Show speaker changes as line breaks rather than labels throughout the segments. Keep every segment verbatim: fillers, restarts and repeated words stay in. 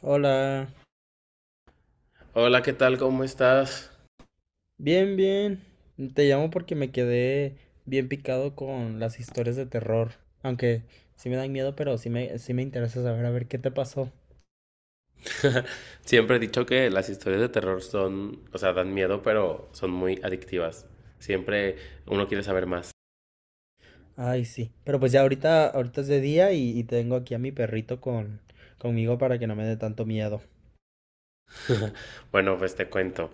Hola,
Hola, ¿qué tal? ¿Cómo estás?
bien, bien. Te llamo porque me quedé bien picado con las historias de terror. Aunque sí me dan miedo, pero sí me, sí me interesa saber a ver qué te pasó.
Siempre he dicho que las historias de terror son, o sea, dan miedo, pero son muy adictivas. Siempre uno quiere saber más.
Ay, sí. Pero pues ya ahorita, ahorita es de día y, y tengo aquí a mi perrito con, conmigo para que no me dé tanto miedo.
Bueno, pues te cuento.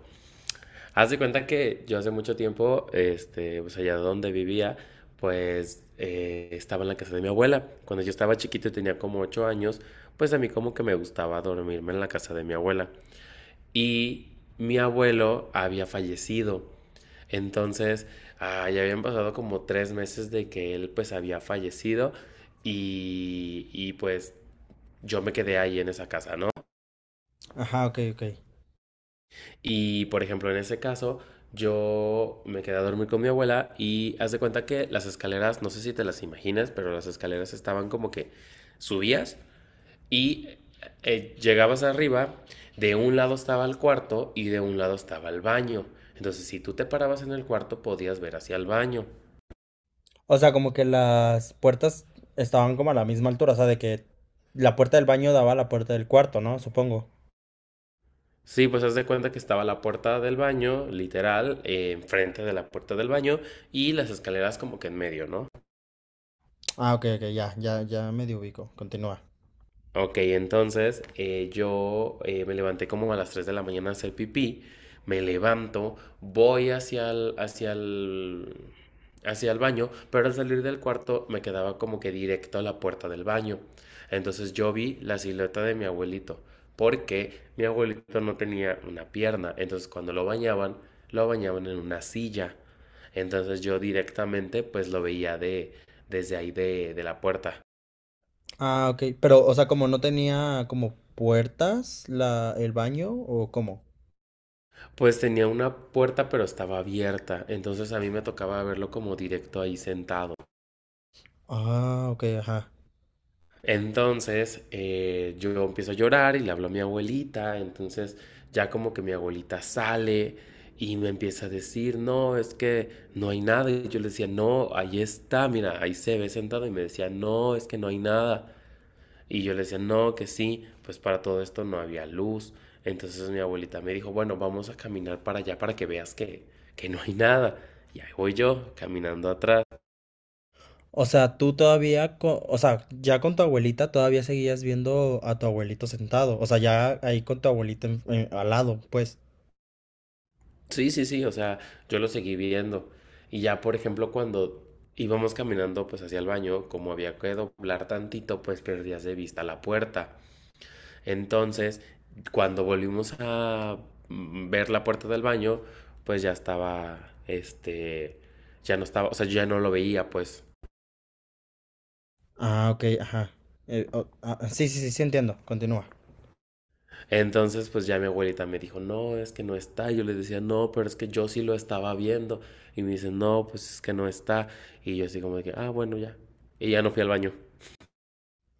Haz de cuenta que yo hace mucho tiempo, este, pues allá donde vivía, pues eh, estaba en la casa de mi abuela. Cuando yo estaba chiquito y tenía como ocho años, pues a mí como que me gustaba dormirme en la casa de mi abuela. Y mi abuelo había fallecido. Entonces, ah, ya habían pasado como tres meses de que él pues había fallecido y, y pues yo me quedé ahí en esa casa, ¿no?
Ajá, ok, ok.
Y por ejemplo, en ese caso, yo me quedé a dormir con mi abuela y haz de cuenta que las escaleras, no sé si te las imaginas, pero las escaleras estaban como que subías. Y eh, llegabas arriba, de un lado estaba el cuarto y de un lado estaba el baño. Entonces, si tú te parabas en el cuarto, podías ver hacia el baño.
O sea, como que las puertas estaban como a la misma altura, o sea, de que la puerta del baño daba a la puerta del cuarto, ¿no? Supongo.
Sí, pues haz de cuenta que estaba la puerta del baño, literal, eh, enfrente de la puerta del baño y las escaleras como que en medio, ¿no?
Ah, ok, ok, ya, ya, ya medio ubico. Continúa.
Ok, entonces eh, yo eh, me levanté como a las tres de la mañana a hacer pipí, me levanto, voy hacia el, hacia el, hacia el baño, pero al salir del cuarto me quedaba como que directo a la puerta del baño. Entonces yo vi la silueta de mi abuelito, porque mi abuelito no tenía una pierna, entonces cuando lo bañaban, lo bañaban en una silla. Entonces yo directamente pues lo veía de, desde ahí de, de la puerta.
Ah, ok. Pero, o sea, como no tenía como puertas la, el baño o cómo.
Pues tenía una puerta, pero estaba abierta, entonces a mí me tocaba verlo como directo ahí sentado.
Ah, ok, ajá.
Entonces eh, yo empiezo a llorar y le hablo a mi abuelita, entonces ya como que mi abuelita sale y me empieza a decir, no, es que no hay nada. Y yo le decía, no, ahí está, mira, ahí se ve sentado y me decía, no, es que no hay nada. Y yo le decía, no, que sí, pues para todo esto no había luz. Entonces mi abuelita me dijo, bueno, vamos a caminar para allá para que veas que, que no hay nada. Y ahí voy yo, caminando atrás.
O sea, tú todavía, co- o sea, ya con tu abuelita todavía seguías viendo a tu abuelito sentado. O sea, ya ahí con tu abuelita en- en- al lado, pues.
Sí, sí, sí, o sea, yo lo seguí viendo. Y ya, por ejemplo, cuando íbamos caminando pues hacia el baño, como había que doblar tantito, pues perdías de vista la puerta. Entonces, cuando volvimos a mm, ver la puerta del baño, pues ya estaba, este, ya no estaba, o sea, yo ya no lo veía, pues.
Ah, ok, ajá. Eh, o- ah, sí, sí, sí, sí, entiendo. Continúa.
Entonces, pues ya mi abuelita me dijo, no, es que no está. Yo les decía, no, pero es que yo sí lo estaba viendo. Y me dice, no, pues es que no está. Y yo así como de que, ah, bueno, ya. Y ya no fui al baño.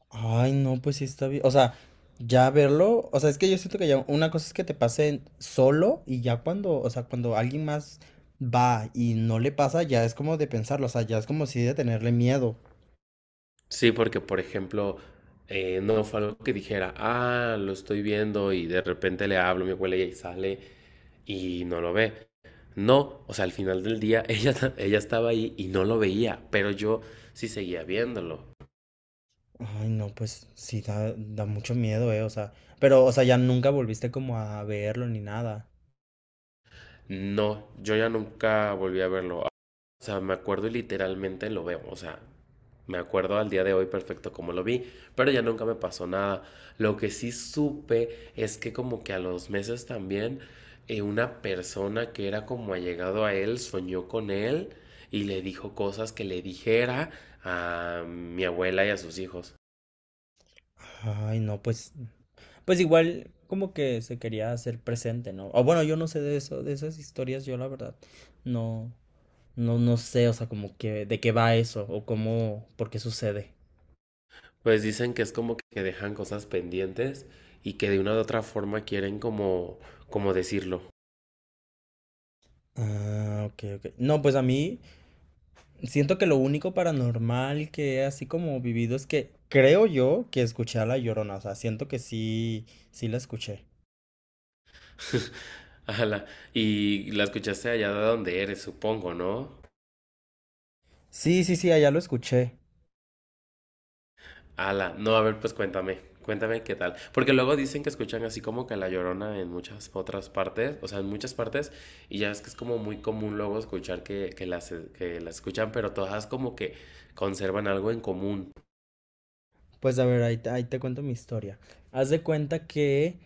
Ay, no, pues sí está bien. O sea, ya verlo, o sea, es que yo siento que ya una cosa es que te pase solo y ya cuando, o sea, cuando alguien más va y no le pasa, ya es como de pensarlo, o sea, ya es como si de tenerle miedo.
Sí, porque, por ejemplo, eh, no fue algo que dijera, ah, lo estoy viendo y de repente le hablo a mi abuela y ahí sale y no lo ve. No, o sea, al final del día ella, ella estaba ahí y no lo veía, pero yo sí seguía viéndolo.
Ay, no, pues sí da, da mucho miedo, eh, o sea, pero, o sea, ya nunca volviste como a verlo ni nada.
No, yo ya nunca volví a verlo. O sea, me acuerdo y literalmente lo veo. O sea, me acuerdo al día de hoy perfecto como lo vi, pero ya nunca me pasó nada. Lo que sí supe es que como que a los meses también eh, una persona que era como allegado a él soñó con él y le dijo cosas que le dijera a mi abuela y a sus hijos.
Ay, no, pues, pues igual como que se quería hacer presente, ¿no? O bueno, yo no sé de eso, de esas historias, yo la verdad, no. No, no sé, o sea, como que de qué va eso o cómo, por qué sucede.
Pues dicen que es como que dejan cosas pendientes y que de una u otra forma quieren como como decirlo.
Ah, ok, ok. No, pues a mí siento que lo único paranormal que he así como vivido es que creo yo que escuché a la Llorona, o sea, siento que sí, sí la escuché.
Ala, y la escuchaste allá de donde eres, supongo, ¿no?
Sí, sí, sí, allá lo escuché.
Ala, no, a ver, pues cuéntame, cuéntame qué tal. Porque luego dicen que escuchan así como que La Llorona en muchas otras partes, o sea, en muchas partes, y ya es que es como muy común luego escuchar que, que las, que las escuchan, pero todas como que conservan algo en común.
Pues a ver, ahí te, ahí te cuento mi historia. Haz de cuenta que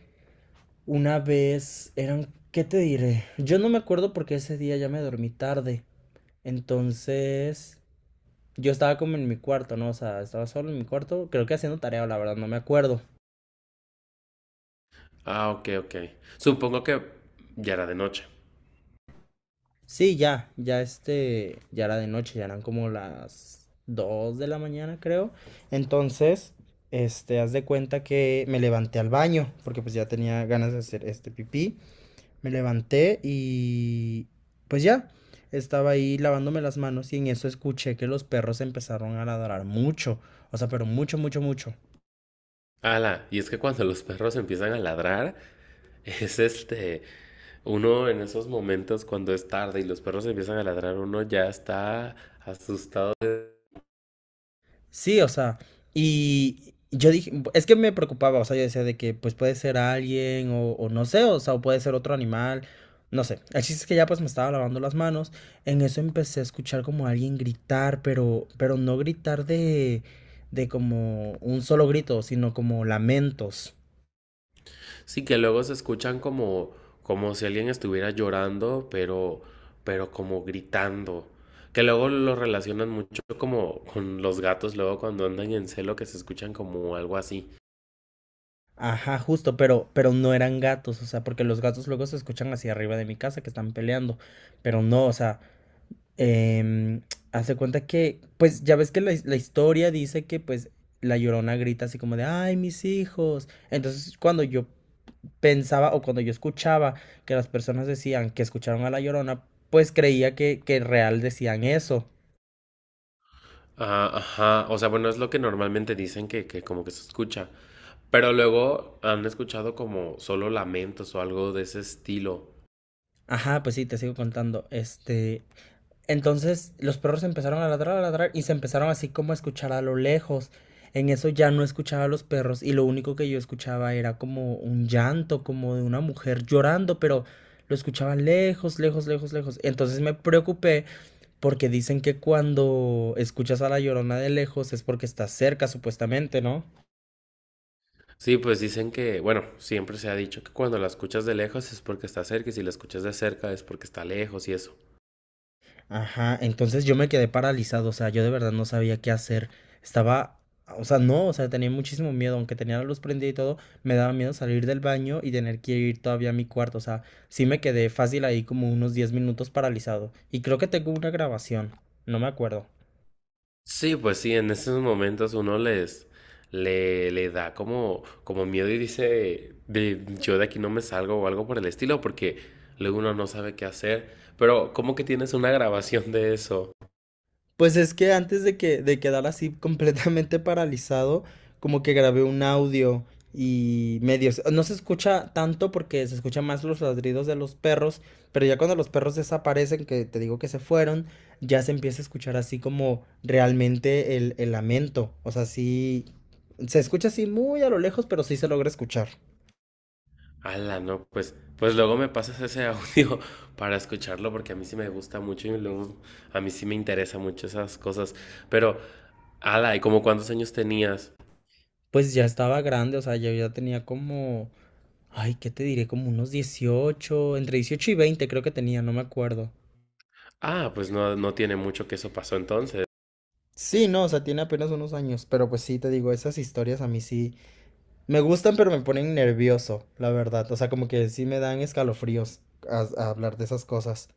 una vez eran, ¿qué te diré? Yo no me acuerdo porque ese día ya me dormí tarde. Entonces, yo estaba como en mi cuarto, ¿no? O sea, estaba solo en mi cuarto, creo que haciendo tarea, la verdad, no me acuerdo.
Ah, ok, ok. Supongo que ya era de noche.
Sí, ya, ya este, ya era de noche, ya eran como las dos de la mañana, creo. Entonces, este, haz de cuenta que me levanté al baño, porque pues ya tenía ganas de hacer este pipí. Me levanté y pues ya, estaba ahí lavándome las manos y en eso escuché que los perros empezaron a ladrar mucho, o sea, pero mucho, mucho, mucho.
Ala, y es que cuando los perros empiezan a ladrar, es este, uno en esos momentos cuando es tarde y los perros empiezan a ladrar, uno ya está asustado.
Sí, o sea, y yo dije, es que me preocupaba, o sea, yo decía de que pues puede ser alguien o, o no sé, o sea, o puede ser otro animal, no sé. El chiste es que ya pues me estaba lavando las manos, en eso empecé a escuchar como alguien gritar, pero, pero no gritar de, de como un solo grito, sino como lamentos.
Sí, que luego se escuchan como, como si alguien estuviera llorando, pero, pero como gritando. Que luego lo relacionan mucho como con los gatos, luego cuando andan en celo que se escuchan como algo así.
Ajá, justo, pero, pero no eran gatos, o sea, porque los gatos luego se escuchan hacia arriba de mi casa que están peleando, pero no, o sea. Em, Hace cuenta que, pues ya ves que la, his- la historia dice que pues la Llorona grita así como de, ay, mis hijos. Entonces cuando yo pensaba o cuando yo escuchaba que las personas decían que escucharon a la Llorona, pues creía que, que en real decían eso.
Ah, ajá, o sea, bueno, es lo que normalmente dicen que, que como que se escucha. Pero luego han escuchado como solo lamentos o algo de ese estilo.
Ajá, pues sí, te sigo contando. Este, Entonces los perros empezaron a ladrar, a ladrar y se empezaron así como a escuchar a lo lejos. En eso ya no escuchaba a los perros y lo único que yo escuchaba era como un llanto, como de una mujer llorando, pero lo escuchaba lejos, lejos, lejos, lejos. Entonces me preocupé porque dicen que cuando escuchas a la Llorona de lejos es porque estás cerca, supuestamente, ¿no?
Sí, pues dicen que, bueno, siempre se ha dicho que cuando la escuchas de lejos es porque está cerca y si la escuchas de cerca es porque está lejos y eso.
Ajá, entonces yo me quedé paralizado, o sea, yo de verdad no sabía qué hacer. Estaba, o sea, no, o sea, tenía muchísimo miedo, aunque tenía la luz prendida y todo, me daba miedo salir del baño y tener que ir todavía a mi cuarto, o sea, sí me quedé fácil ahí como unos diez minutos paralizado. Y creo que tengo una grabación, no me acuerdo.
Sí, pues sí, en esos momentos uno les le, le da como, como miedo y dice, de, yo de aquí no me salgo o algo por el estilo, porque luego uno no sabe qué hacer. Pero, ¿cómo que tienes una grabación de eso?
Pues es que antes de que de quedar así completamente paralizado, como que grabé un audio y medio, no se escucha tanto porque se escuchan más los ladridos de los perros, pero ya cuando los perros desaparecen, que te digo que se fueron, ya se empieza a escuchar así como realmente el, el lamento. O sea, sí, se escucha así muy a lo lejos, pero sí se logra escuchar.
Ala, no, pues, pues luego me pasas ese audio para escucharlo porque a mí sí me gusta mucho y luego a mí sí me interesa mucho esas cosas. Pero, ala, ¿y como cuántos años tenías?
Pues ya estaba grande, o sea, yo ya tenía como, ay, ¿qué te diré? Como unos dieciocho entre dieciocho y veinte creo que tenía, no me acuerdo.
Ah, pues no, no tiene mucho que eso pasó entonces.
Sí, no, o sea, tiene apenas unos años, pero pues sí, te digo, esas historias a mí sí me gustan, pero me ponen nervioso, la verdad. O sea, como que sí me dan escalofríos a, a hablar de esas cosas.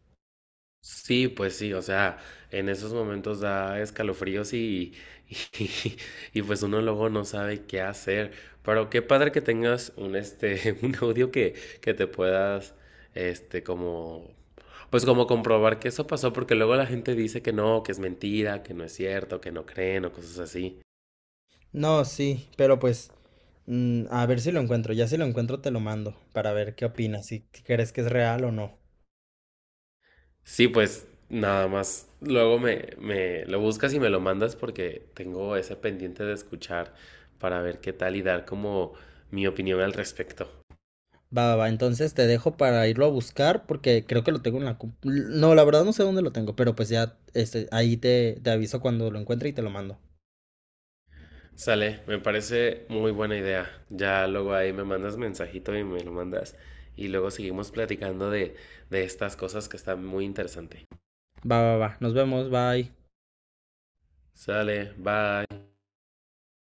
Sí, pues sí, o sea, en esos momentos da escalofríos y, y, y pues uno luego no sabe qué hacer. Pero qué padre que tengas un este, un audio que, que te puedas, este, como, pues como comprobar que eso pasó, porque luego la gente dice que no, que es mentira, que no es cierto, que no creen o cosas así.
No, sí, pero pues mm, a ver si lo encuentro. Ya si lo encuentro te lo mando para ver qué opinas, si si crees que es real o no.
Sí, pues nada más. Luego me, me lo buscas y me lo mandas porque tengo ese pendiente de escuchar para ver qué tal y dar como mi opinión al respecto.
Va, va, va, entonces te dejo para irlo a buscar porque creo que lo tengo en la... compu- no, la verdad no sé dónde lo tengo, pero pues ya este, ahí te, te aviso cuando lo encuentre y te lo mando.
Sale, me parece muy buena idea. Ya luego ahí me mandas mensajito y me lo mandas. Y luego seguimos platicando de, de estas cosas que están muy interesante.
Va, va, va, nos vemos, bye.
Sale, bye.